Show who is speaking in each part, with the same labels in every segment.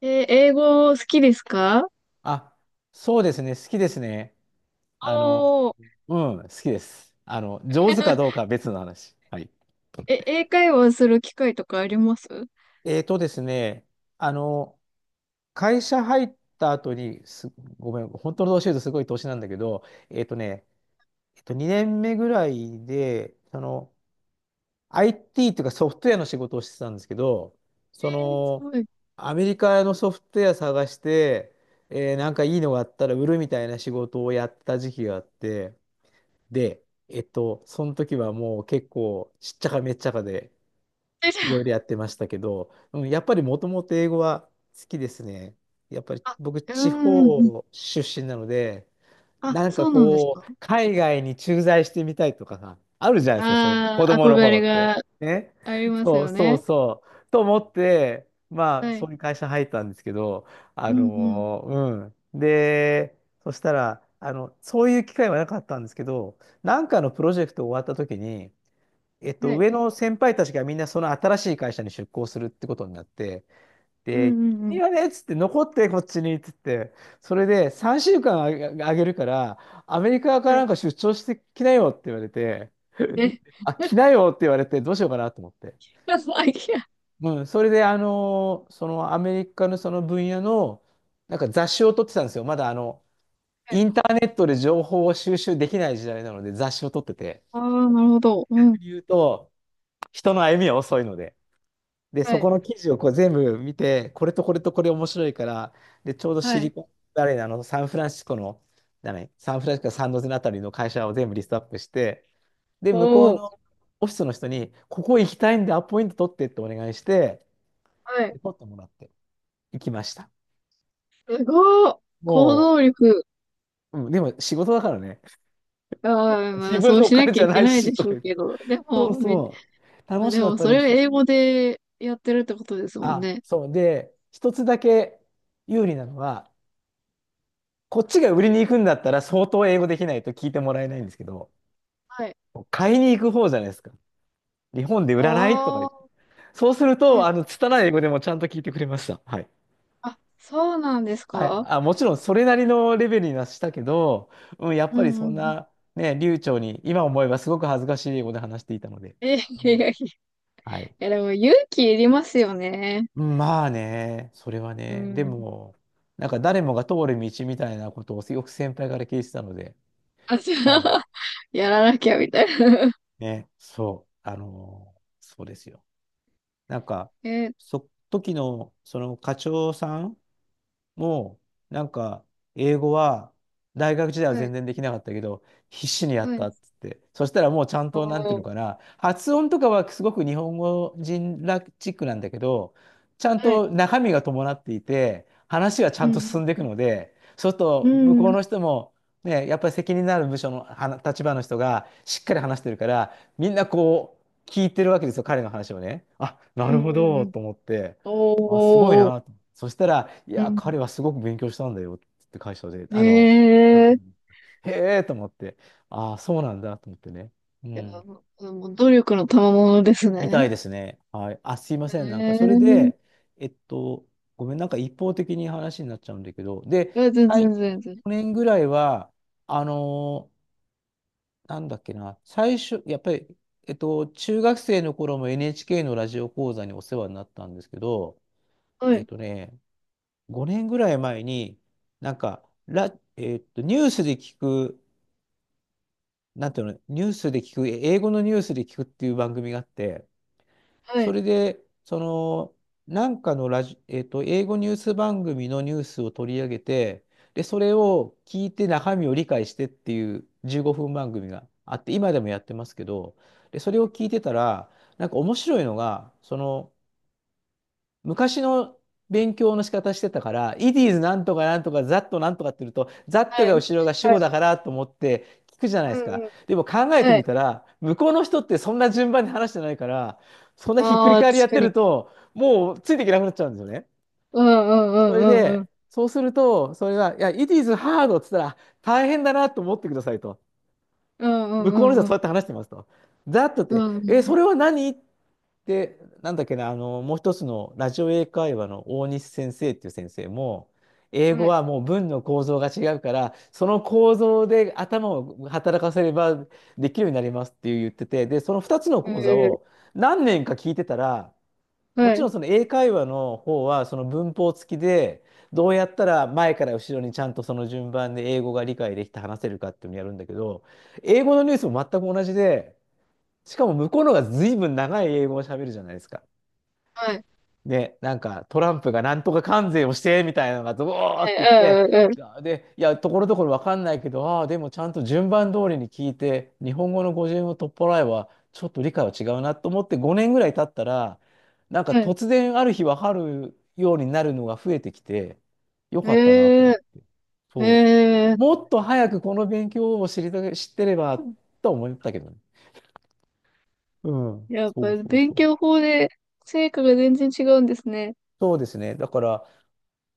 Speaker 1: 英語好きですか？
Speaker 2: あ、そうですね。好きですね。あの、
Speaker 1: おー。
Speaker 2: うん、好きです。あの、上手かどうか は別の話。はい。
Speaker 1: え、英会話する機会とかあります
Speaker 2: えーとですね、あの、会社入った後に、ごめん、本当の年言うとすごい年なんだけど、えーとね、えっと、2年目ぐらいで、その、IT というかソフトウェアの仕事をしてたんですけど、そ
Speaker 1: す
Speaker 2: の、
Speaker 1: ごい。
Speaker 2: アメリカのソフトウェア探して、なんかいいのがあったら売るみたいな仕事をやった時期があって、で、えっと、その時はもう結構しっちゃかめっちゃかで
Speaker 1: え、じ
Speaker 2: いろいろ
Speaker 1: ゃ
Speaker 2: やってましたけど、うん、やっぱりもともと英語は好きですね。やっぱり
Speaker 1: あ、あ、
Speaker 2: 僕
Speaker 1: う
Speaker 2: 地
Speaker 1: ーん。
Speaker 2: 方出身なので、
Speaker 1: あ、
Speaker 2: なん
Speaker 1: そ
Speaker 2: か
Speaker 1: うなんです
Speaker 2: こ
Speaker 1: か？
Speaker 2: う、海外に駐在してみたいとかさ、あるじゃないですか、そういうの。
Speaker 1: あ
Speaker 2: 子
Speaker 1: あー、
Speaker 2: 供
Speaker 1: 憧
Speaker 2: の頃
Speaker 1: れ
Speaker 2: って。
Speaker 1: が
Speaker 2: ね。
Speaker 1: あります
Speaker 2: そう
Speaker 1: よ
Speaker 2: そう
Speaker 1: ね。
Speaker 2: そう、と思って、まあ、
Speaker 1: はい。
Speaker 2: そういう会社入ったんですけど、
Speaker 1: うんうん。
Speaker 2: で、そしたら、あの、そういう機会はなかったんですけど、なんかのプロジェクト終わった時に、えっ
Speaker 1: は
Speaker 2: と、
Speaker 1: い。
Speaker 2: 上の先輩たちがみんなその新しい会社に出向するってことになって、
Speaker 1: うん
Speaker 2: で、
Speaker 1: うんう
Speaker 2: いい
Speaker 1: ん。
Speaker 2: よねっつって、残ってこっちにっつって、それで3週間あげ、あげるから、アメリカか
Speaker 1: は
Speaker 2: ら
Speaker 1: い。
Speaker 2: なんか出張してきなよって言われて、
Speaker 1: え、
Speaker 2: あ、来 なよって言われて、どうしようかなと思って。
Speaker 1: アイデ
Speaker 2: うん、それで、そのアメリカのその分野の、なんか雑誌を撮ってたんですよ。まだあの、
Speaker 1: は
Speaker 2: イ
Speaker 1: い。
Speaker 2: ンターネットで情報を収集できない時代なので、雑誌を撮ってて。
Speaker 1: ああ、なるほど。うん。
Speaker 2: 逆に言うと、人の歩みは遅いので。で、
Speaker 1: は
Speaker 2: そこ
Speaker 1: い。
Speaker 2: の記事をこう全部見て、これとこれとこれ面白いから、で、ちょうど
Speaker 1: は
Speaker 2: シリ
Speaker 1: い。
Speaker 2: コン、誰なの、サンフランシスコの、だね、サンフランシスコサンノゼのあたりの会社を全部リストアップして、で、向こう
Speaker 1: お
Speaker 2: の
Speaker 1: ー。
Speaker 2: オフィスの人に、ここ行きたいんでアポイント取ってってお願いして、
Speaker 1: はい。
Speaker 2: で取ってもらって行きました。
Speaker 1: すごい。行
Speaker 2: も
Speaker 1: 動力。
Speaker 2: う、うん、でも仕事だからね、
Speaker 1: ああ、ま
Speaker 2: 自
Speaker 1: あ、そ
Speaker 2: 分
Speaker 1: う
Speaker 2: のお
Speaker 1: しな
Speaker 2: 金
Speaker 1: きゃ
Speaker 2: じゃ
Speaker 1: いけ
Speaker 2: ない
Speaker 1: ない
Speaker 2: し、
Speaker 1: で
Speaker 2: と
Speaker 1: し
Speaker 2: か
Speaker 1: ょう
Speaker 2: 言っ
Speaker 1: け
Speaker 2: て。
Speaker 1: ど。で
Speaker 2: そう
Speaker 1: も、め。
Speaker 2: そう、楽し
Speaker 1: で
Speaker 2: か
Speaker 1: も、
Speaker 2: った
Speaker 1: そ
Speaker 2: で
Speaker 1: れを
Speaker 2: す。
Speaker 1: 英語でやってるってことですもん
Speaker 2: あ、
Speaker 1: ね。
Speaker 2: そう。で、一つだけ有利なのは、こっちが売りに行くんだったら相当英語できないと聞いてもらえないんですけど、
Speaker 1: はい。
Speaker 2: 買いに行く方じゃないですか。日本で売らないとか言って。
Speaker 1: あ
Speaker 2: そうする
Speaker 1: あ、は
Speaker 2: と、
Speaker 1: い。
Speaker 2: あの、拙い英語でもちゃんと聞いてくれました。はい。
Speaker 1: あ、そうなんです
Speaker 2: はい。
Speaker 1: か？
Speaker 2: あ、もちろんそれなりのレベルにはしたけど、うん、やっ
Speaker 1: う
Speaker 2: ぱり
Speaker 1: んうん
Speaker 2: そ
Speaker 1: う
Speaker 2: ん
Speaker 1: ん。
Speaker 2: な、ね、流暢に、今思えばすごく恥ずかしい英語で話していたので。
Speaker 1: え、い
Speaker 2: う
Speaker 1: やい
Speaker 2: ん。
Speaker 1: やい
Speaker 2: はい。
Speaker 1: や、でも勇気いりますよね。
Speaker 2: うんまあね、それは
Speaker 1: う
Speaker 2: ね、で
Speaker 1: ん。
Speaker 2: も、なんか誰もが通る道みたいなことをよく先輩から聞いてたので、
Speaker 1: あ、じゃ
Speaker 2: はい。
Speaker 1: あ、やらなきゃみたいな。
Speaker 2: ね、そう、そうですよ。なんか、
Speaker 1: え、
Speaker 2: 時の、その課長さん、もう、なんか、英語は、大学時代は
Speaker 1: はい、
Speaker 2: 全然できなかったけど、必死にや
Speaker 1: は
Speaker 2: っ
Speaker 1: い。
Speaker 2: たっつって。そしたらもうちゃん
Speaker 1: あ
Speaker 2: と、なんていうのか
Speaker 1: あ、
Speaker 2: な、発音とかはすごく日本語人らチックなんだけど、ちゃん
Speaker 1: はい。
Speaker 2: と中身が伴っていて、話がち
Speaker 1: う
Speaker 2: ゃんと
Speaker 1: ん。
Speaker 2: 進んでいくので、そうする
Speaker 1: う
Speaker 2: と、向
Speaker 1: ん、
Speaker 2: こ
Speaker 1: う
Speaker 2: う
Speaker 1: ん、
Speaker 2: の人も、ね、やっぱり責任のある部署のはな立場の人がしっかり話してるから、みんなこう、聞いてるわけですよ、彼の話をね。あ、な
Speaker 1: う
Speaker 2: る
Speaker 1: ん。
Speaker 2: ほ
Speaker 1: う
Speaker 2: ど、
Speaker 1: ん。
Speaker 2: と思って。あ、すごい
Speaker 1: おー。
Speaker 2: な。そしたら、いや、彼は
Speaker 1: う
Speaker 2: すごく勉強したんだよって会社で、
Speaker 1: ん。
Speaker 2: あの、なん
Speaker 1: ええ
Speaker 2: と
Speaker 1: ー
Speaker 2: も
Speaker 1: い。
Speaker 2: へえと思って、ああ、そうなんだと思ってね。う
Speaker 1: や、
Speaker 2: ん。
Speaker 1: もうもう努力の賜物です
Speaker 2: みた
Speaker 1: ね。
Speaker 2: いですね。はい。あ、すいま
Speaker 1: え
Speaker 2: せん。なんか、
Speaker 1: え
Speaker 2: それ
Speaker 1: ーい。
Speaker 2: で、えっと、ごめん、なんか一方的に話になっちゃうんだけど、で、
Speaker 1: や、全然、
Speaker 2: 去
Speaker 1: 全然。
Speaker 2: 年ぐらいは、あのーなんだっけな、最初、やっぱり、えっと、中学生の頃も NHK のラジオ講座にお世話になったんですけど、
Speaker 1: は
Speaker 2: えっ
Speaker 1: い
Speaker 2: とね、5年ぐらい前に、なんか、ラ、えーっと、ニュースで聞く、なんていうの、ニュースで聞く、英語のニュースで聞くっていう番組があって、
Speaker 1: は
Speaker 2: そ
Speaker 1: い。
Speaker 2: れで、その、なんかのラジ、えーっと、英語ニュース番組のニュースを取り上げて、で、それを聞いて中身を理解してっていう15分番組があって、今でもやってますけど、で、それを聞いてたら、なんか面白いのが、その、昔の勉強の仕方してたから、it is なんとかなんとか、ザッとなんとかって言うと、ザッ
Speaker 1: は
Speaker 2: とが
Speaker 1: い。
Speaker 2: 後ろが主
Speaker 1: は
Speaker 2: 語だ
Speaker 1: い。
Speaker 2: からと思って聞くじゃない
Speaker 1: う
Speaker 2: です
Speaker 1: ん
Speaker 2: か。
Speaker 1: うん。
Speaker 2: でも考えて
Speaker 1: はい。
Speaker 2: みたら、向こうの人ってそんな順番で話してないから、そんなひっくり
Speaker 1: ああ、確
Speaker 2: 返りやっ
Speaker 1: か
Speaker 2: て
Speaker 1: に。
Speaker 2: ると、もうついていけなくなっちゃうんですよね。
Speaker 1: うんう
Speaker 2: そ
Speaker 1: んう
Speaker 2: れ
Speaker 1: んうんうん。
Speaker 2: で、そうすると、それが、いや、it is hard って言ったら、大変だなと思ってくださいと。
Speaker 1: うんうん
Speaker 2: 向こうの人
Speaker 1: う
Speaker 2: は
Speaker 1: んう
Speaker 2: そう
Speaker 1: ん。
Speaker 2: やって話してますと。ザッとっ
Speaker 1: う
Speaker 2: て、
Speaker 1: んう
Speaker 2: え、そ
Speaker 1: ん。
Speaker 2: れは何で、なんだっけな、あの、もう一つのラジオ英会話の大西先生っていう先生も、英
Speaker 1: は
Speaker 2: 語
Speaker 1: い。
Speaker 2: はもう文の構造が違うから、その構造で頭を働かせればできるようになりますって言ってて、で、その2つの
Speaker 1: え
Speaker 2: 講座
Speaker 1: え。
Speaker 2: を何年か聞いてたら、も
Speaker 1: は
Speaker 2: ち
Speaker 1: い。
Speaker 2: ろんその英会話の方はその文法付きで、どうやったら前から後ろにちゃんとその順番で英語が理解できて話せるかっていうのをやるんだけど、英語のニュースも全く同じで、しかも向こうの方が随分長い英語を喋るじゃないですか。
Speaker 1: はい。
Speaker 2: ね、なんかトランプがなんとか関税をしてみたいなのが、ドーっ
Speaker 1: はい。
Speaker 2: て言って、
Speaker 1: うんうんうん。
Speaker 2: で、いや、ところどころわかんないけど、ああ、でもちゃんと順番通りに聞いて、日本語の語順を取っ払えば、ちょっと理解は違うなと思って5年ぐらい経ったら、なんか
Speaker 1: はい。
Speaker 2: 突然ある日わかるようになるのが増えてきて、よかったなと
Speaker 1: え
Speaker 2: 思
Speaker 1: え。
Speaker 2: って。
Speaker 1: え
Speaker 2: そう。
Speaker 1: え。
Speaker 2: もっと早くこの勉強を知りた、知ってればと思ったけどね。うん。
Speaker 1: やっ
Speaker 2: そ
Speaker 1: ぱ
Speaker 2: うそう
Speaker 1: 勉
Speaker 2: そ
Speaker 1: 強
Speaker 2: う。
Speaker 1: 法で成果が全然違うんですね。
Speaker 2: そうですね。だから、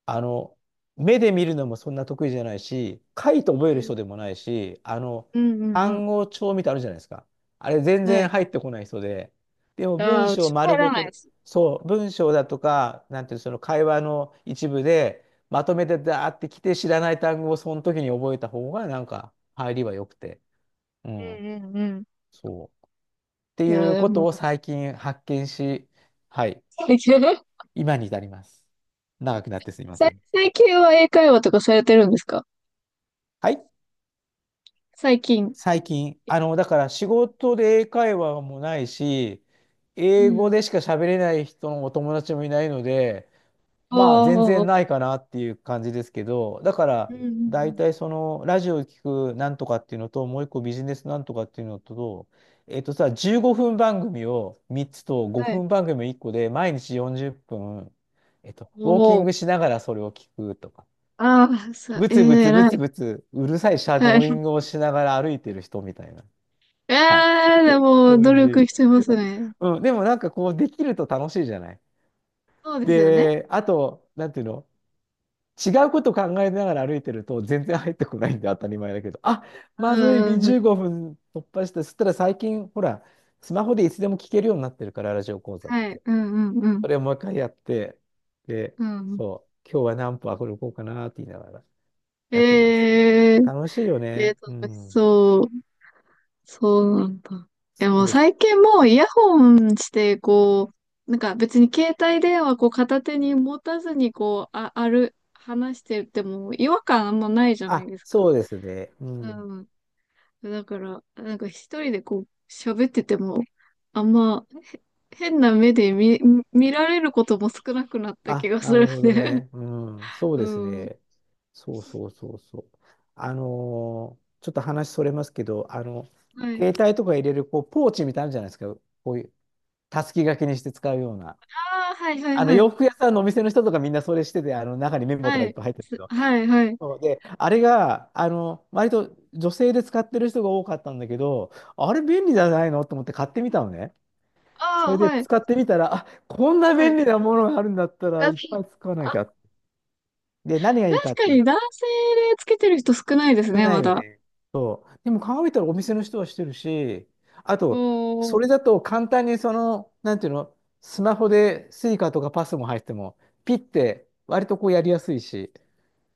Speaker 2: あの、目で見るのもそんな得意じゃないし、書いて
Speaker 1: う
Speaker 2: 覚える
Speaker 1: ん。
Speaker 2: 人でもないし、あの、
Speaker 1: うんうんうん。
Speaker 2: 単語帳みたいなのあるじゃないですか。あれ全
Speaker 1: は
Speaker 2: 然
Speaker 1: い。
Speaker 2: 入ってこない人で、でも
Speaker 1: あ
Speaker 2: 文
Speaker 1: あ、う
Speaker 2: 章
Speaker 1: ちも
Speaker 2: 丸
Speaker 1: 入ら
Speaker 2: ご
Speaker 1: ない
Speaker 2: と、
Speaker 1: です。
Speaker 2: そう、文章だとか、なんていうの、その会話の一部で、まとめてダーってきて知らない単語をその時に覚えた方がなんか入りは良くて。う
Speaker 1: う
Speaker 2: ん、
Speaker 1: んうんうん。
Speaker 2: そう。って
Speaker 1: い
Speaker 2: い
Speaker 1: や、
Speaker 2: う
Speaker 1: で
Speaker 2: ことを
Speaker 1: も、
Speaker 2: 最近発見し、はい、
Speaker 1: 最近、
Speaker 2: 今に至ります。長くなってすみませ
Speaker 1: 最
Speaker 2: ん。
Speaker 1: 最近は英会話とかされてるんですか？
Speaker 2: はい。
Speaker 1: 最近。
Speaker 2: 最近、だから仕事で英会話もないし、
Speaker 1: う
Speaker 2: 英語
Speaker 1: ん。
Speaker 2: でしか喋れない人のお友達もいないので、
Speaker 1: あ
Speaker 2: まあ全
Speaker 1: あ、あ
Speaker 2: 然
Speaker 1: あ、
Speaker 2: ないかなっていう感じですけど、だか
Speaker 1: うん
Speaker 2: ら
Speaker 1: うんう
Speaker 2: 大
Speaker 1: ん。
Speaker 2: 体そのラジオを聞くなんとかっていうのと、もう一個ビジネスなんとかっていうのと、えっとさ、15分番組を3つと
Speaker 1: は
Speaker 2: 5
Speaker 1: い。
Speaker 2: 分番組1個で毎日40分、ウォーキ
Speaker 1: も
Speaker 2: ング
Speaker 1: う、
Speaker 2: しながらそれを聞くとか、
Speaker 1: ああ、さ、
Speaker 2: ブ
Speaker 1: えー、
Speaker 2: ツブツブ
Speaker 1: 偉
Speaker 2: ツ
Speaker 1: い。
Speaker 2: ブツうるさいシャ
Speaker 1: は
Speaker 2: ド
Speaker 1: い。
Speaker 2: ーイン グをしながら歩いてる人みたいな。
Speaker 1: え
Speaker 2: はい。
Speaker 1: ー、で
Speaker 2: そう
Speaker 1: も、
Speaker 2: いう
Speaker 1: 努
Speaker 2: 感じ。
Speaker 1: 力してますね。
Speaker 2: うん、でもなんかこう、できると楽しいじゃない。
Speaker 1: そうですよね。
Speaker 2: で、あと、なんていうの、違うこと考えながら歩いてると全然入ってこないんで当たり前だけど、あ、
Speaker 1: う
Speaker 2: まずい、
Speaker 1: んうんう
Speaker 2: 15
Speaker 1: ん。
Speaker 2: 分突破して、そしたら最近、ほら、スマホでいつでも聞けるようになってるから、ラジオ講座っ
Speaker 1: はい。
Speaker 2: て。
Speaker 1: うんうんうん。
Speaker 2: それをもう一回やって、で、
Speaker 1: うん。
Speaker 2: そう、今日は何歩歩こうかなって言いながら
Speaker 1: え
Speaker 2: やってます。
Speaker 1: ー、
Speaker 2: 楽しいよ
Speaker 1: えー、
Speaker 2: ね。う
Speaker 1: 楽し
Speaker 2: ん。
Speaker 1: そう。そうなんだ。え、
Speaker 2: そ
Speaker 1: も
Speaker 2: う
Speaker 1: う
Speaker 2: です。
Speaker 1: 最近もうイヤホンして、こう、なんか別に携帯電話こう片手に持たずにこう、あ、ある、話してても違和感あんまないじゃない
Speaker 2: あ、
Speaker 1: ですか。
Speaker 2: そうですね。う
Speaker 1: う
Speaker 2: ん。
Speaker 1: ん。だから、なんか一人でこう喋ってても、あんま、へ、変な目で見、見られることも少なくなった気
Speaker 2: あ、
Speaker 1: がす
Speaker 2: なる
Speaker 1: る
Speaker 2: ほど
Speaker 1: ね。
Speaker 2: ね。うん、そ う
Speaker 1: う
Speaker 2: です
Speaker 1: ん。
Speaker 2: ね。そうそうそうそう。ちょっと話それますけど、
Speaker 1: はい。
Speaker 2: 携帯とか入れるこうポーチみたいなのあるじゃないですか。こういう、たすき掛けにして使うような。
Speaker 1: ああ、はいはいはい。
Speaker 2: 洋服屋さんのお店の人とかみんなそれしてて、中にメモと
Speaker 1: は
Speaker 2: かいっ
Speaker 1: い。
Speaker 2: ぱい入ってるけど。
Speaker 1: はいはい。
Speaker 2: そうで、あれが、割と女性で使ってる人が多かったんだけど、あれ便利じゃないのと思って買ってみたのね。そ
Speaker 1: ああ、
Speaker 2: れで
Speaker 1: はい。
Speaker 2: 使ってみたら、あ、こんな
Speaker 1: は
Speaker 2: 便
Speaker 1: い。
Speaker 2: 利なものがあるんだったら
Speaker 1: あ、
Speaker 2: いっぱい使わな
Speaker 1: あ、
Speaker 2: きゃ。で、何がいいか
Speaker 1: 確
Speaker 2: っ
Speaker 1: か
Speaker 2: て、
Speaker 1: に男性でつけてる人少ないです
Speaker 2: 少
Speaker 1: ね、
Speaker 2: な
Speaker 1: ま
Speaker 2: いよ
Speaker 1: だ。
Speaker 2: ね。でも考えたらお店の人はしてるし、あ
Speaker 1: お
Speaker 2: と、それ
Speaker 1: ー、
Speaker 2: だと簡単にその、なんていうの、スマホでスイカとかパスも入っても、ピッて割とこうやりやすいし、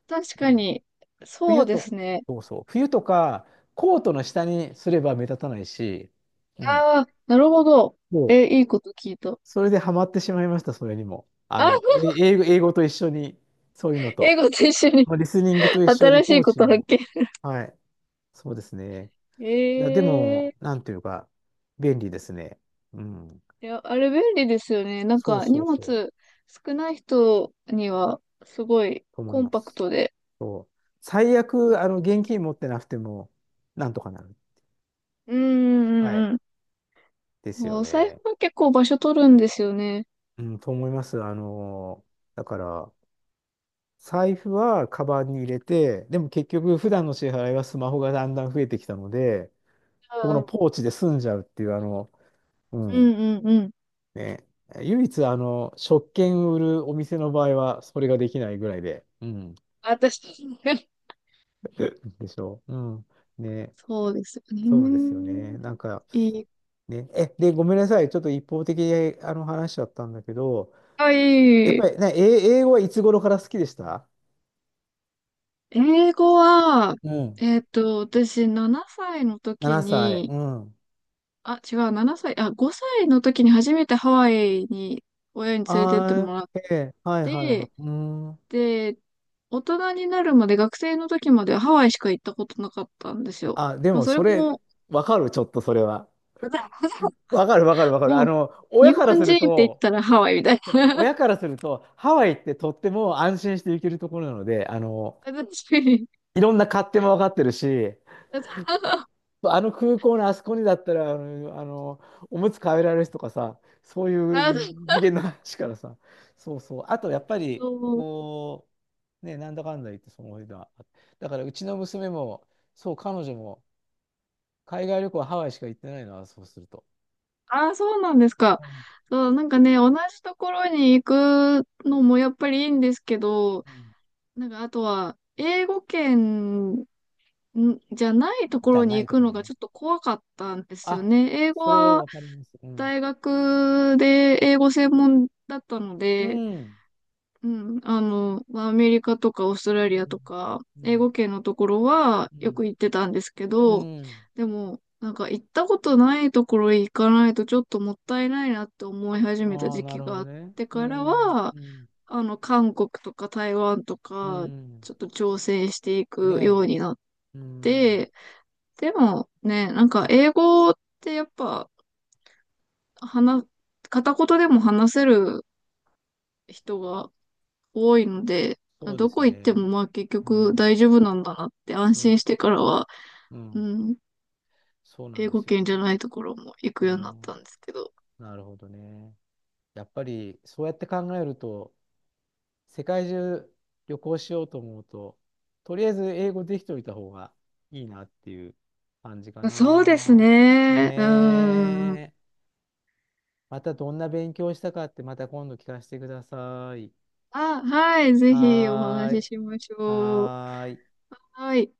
Speaker 1: 確
Speaker 2: う
Speaker 1: か
Speaker 2: ん。
Speaker 1: に。そう
Speaker 2: 冬
Speaker 1: で
Speaker 2: と、
Speaker 1: すね。
Speaker 2: そうそう、冬とかコートの下にすれば目立たないし、うん、
Speaker 1: ああ、なるほど。
Speaker 2: そ
Speaker 1: え、
Speaker 2: う、
Speaker 1: いいこと聞いた。
Speaker 2: それでハマってしまいました、それにも。
Speaker 1: あ、
Speaker 2: 英語、英語と一緒に、そういうの
Speaker 1: 英
Speaker 2: と、
Speaker 1: 語と一緒に
Speaker 2: まあリスニングと一緒に
Speaker 1: 新し
Speaker 2: ポ
Speaker 1: い
Speaker 2: ー
Speaker 1: こ
Speaker 2: チ
Speaker 1: と発
Speaker 2: も、
Speaker 1: 見。
Speaker 2: はい、そうですね。いや、で
Speaker 1: ええ。
Speaker 2: も、なんていうか、便利ですね。うん。
Speaker 1: いや、あれ便利ですよね。なん
Speaker 2: そう
Speaker 1: か荷
Speaker 2: そう
Speaker 1: 物
Speaker 2: そう。
Speaker 1: 少ない人にはすごい
Speaker 2: と思い
Speaker 1: コン
Speaker 2: ま
Speaker 1: パク
Speaker 2: す。
Speaker 1: トで。
Speaker 2: そう。最
Speaker 1: う。
Speaker 2: 悪、現金持ってなくても、なんとかなる。
Speaker 1: うんう
Speaker 2: は
Speaker 1: ん
Speaker 2: い。
Speaker 1: うん。
Speaker 2: で
Speaker 1: う
Speaker 2: すよ
Speaker 1: お財
Speaker 2: ね。
Speaker 1: 布は結構場所取るんですよね。
Speaker 2: うん、と思います。だから、財布はカバンに入れて、でも結局、普段の支払いはスマホがだんだん増えてきたので、
Speaker 1: う
Speaker 2: この
Speaker 1: ん
Speaker 2: ポーチで済んじゃうっていう、う
Speaker 1: う
Speaker 2: ん、
Speaker 1: んうんうん。
Speaker 2: ね。唯一、食券売るお店の場合は、それができないぐらいで、うん。
Speaker 1: 私、
Speaker 2: でしょう。うん。ね。
Speaker 1: そうですよ
Speaker 2: そうですよね。
Speaker 1: ね。
Speaker 2: なんか、
Speaker 1: いい。
Speaker 2: ね。え、で、ごめんなさい。ちょっと一方的に話しちゃったんだけど、
Speaker 1: は
Speaker 2: やっ
Speaker 1: い。
Speaker 2: ぱりね、英語はいつ頃から好きでした？
Speaker 1: 英語は、
Speaker 2: うん。
Speaker 1: えっと、私7歳の時
Speaker 2: 7歳。
Speaker 1: に、
Speaker 2: うん。
Speaker 1: あ、違う、7歳、あ、5歳の時に初めてハワイに親に連れてって
Speaker 2: あ
Speaker 1: もらっ
Speaker 2: ー、ええ、はいはいは
Speaker 1: で、
Speaker 2: い。うん。
Speaker 1: で、大人になるまで学生の時までハワイしか行ったことなかったんですよ。
Speaker 2: あ、で
Speaker 1: まあ、
Speaker 2: も
Speaker 1: それ
Speaker 2: それ、
Speaker 1: も、
Speaker 2: わかる、ちょっとそれは。わかるわかるわかる。
Speaker 1: もう、
Speaker 2: 親
Speaker 1: 日
Speaker 2: から
Speaker 1: 本
Speaker 2: す
Speaker 1: 人
Speaker 2: る
Speaker 1: って言っ
Speaker 2: と、
Speaker 1: たらハワイみたい
Speaker 2: 親からすると、ハワイってとっても安心して行けるところなので、
Speaker 1: な。
Speaker 2: いろんな勝手もわかってるし、
Speaker 1: 私、
Speaker 2: あの空港のあそこにだったら、おむつ買えられる人とかさ、そういう
Speaker 1: あ、
Speaker 2: 次元の話からさ、そうそう。あと、やっぱり、
Speaker 1: そう、
Speaker 2: こう、ね、なんだかんだ言って、その間、だから、うちの娘も、そう、彼女も、海外旅行はハワイしか行ってないのは、そうすると。
Speaker 1: あ、そうなんですか。
Speaker 2: うん
Speaker 1: そう、なんかね、同じところに行くのもやっぱりいいんですけど、
Speaker 2: うん、
Speaker 1: なんかあとは、英語圏んじゃないとこ
Speaker 2: じゃ
Speaker 1: ろに
Speaker 2: な
Speaker 1: 行
Speaker 2: いと
Speaker 1: く
Speaker 2: こ
Speaker 1: のがち
Speaker 2: ね。
Speaker 1: ょっと怖かったんですよ
Speaker 2: あ、
Speaker 1: ね。英語
Speaker 2: それは
Speaker 1: は、
Speaker 2: わかります。うん。
Speaker 1: 大学で英語専門だったの
Speaker 2: う
Speaker 1: で、
Speaker 2: ん。
Speaker 1: うん、あの、まあアメリカとかオーストラリ
Speaker 2: う
Speaker 1: ア
Speaker 2: ん。
Speaker 1: とか、
Speaker 2: う
Speaker 1: 英
Speaker 2: ん。
Speaker 1: 語圏のところは
Speaker 2: う
Speaker 1: よ
Speaker 2: ん。
Speaker 1: く行ってたんですけ
Speaker 2: う
Speaker 1: ど、
Speaker 2: ん。
Speaker 1: でも、なんか行ったことないところへ行かないとちょっともったいないなって思い始めた
Speaker 2: ああ、
Speaker 1: 時
Speaker 2: な
Speaker 1: 期
Speaker 2: るほ
Speaker 1: があ
Speaker 2: ど
Speaker 1: っ
Speaker 2: ね。
Speaker 1: て
Speaker 2: う
Speaker 1: から
Speaker 2: ん。
Speaker 1: は、
Speaker 2: うん。
Speaker 1: あの、韓国とか台湾と
Speaker 2: う
Speaker 1: か、
Speaker 2: ん。
Speaker 1: ちょっと挑戦してい
Speaker 2: ね
Speaker 1: くようになっ
Speaker 2: え。うん、
Speaker 1: て、でもね、なんか英語ってやっぱ話、片言でも話せる人が多いので、
Speaker 2: そうで
Speaker 1: ど
Speaker 2: す
Speaker 1: こ行って
Speaker 2: ね。
Speaker 1: もまあ結
Speaker 2: う
Speaker 1: 局
Speaker 2: ん、
Speaker 1: 大丈夫なんだなって安心
Speaker 2: ね、
Speaker 1: してからは、
Speaker 2: う
Speaker 1: う
Speaker 2: ん、
Speaker 1: ん、
Speaker 2: そうな
Speaker 1: 英
Speaker 2: んで
Speaker 1: 語
Speaker 2: す
Speaker 1: 圏
Speaker 2: よ。
Speaker 1: じゃないところも行く
Speaker 2: え
Speaker 1: ようになっ
Speaker 2: ー、
Speaker 1: たんですけど。
Speaker 2: なるほどね。やっぱりそうやって考えると、世界中旅行しようと思うと、とりあえず英語できておいた方がいいなっていう感じか
Speaker 1: そうです
Speaker 2: な。ね
Speaker 1: ね。うん。
Speaker 2: え。またどんな勉強したかってまた今度聞かせてください。
Speaker 1: あ、はい、ぜひお
Speaker 2: はー
Speaker 1: 話し
Speaker 2: い。
Speaker 1: しましょう。
Speaker 2: はーい。
Speaker 1: はい。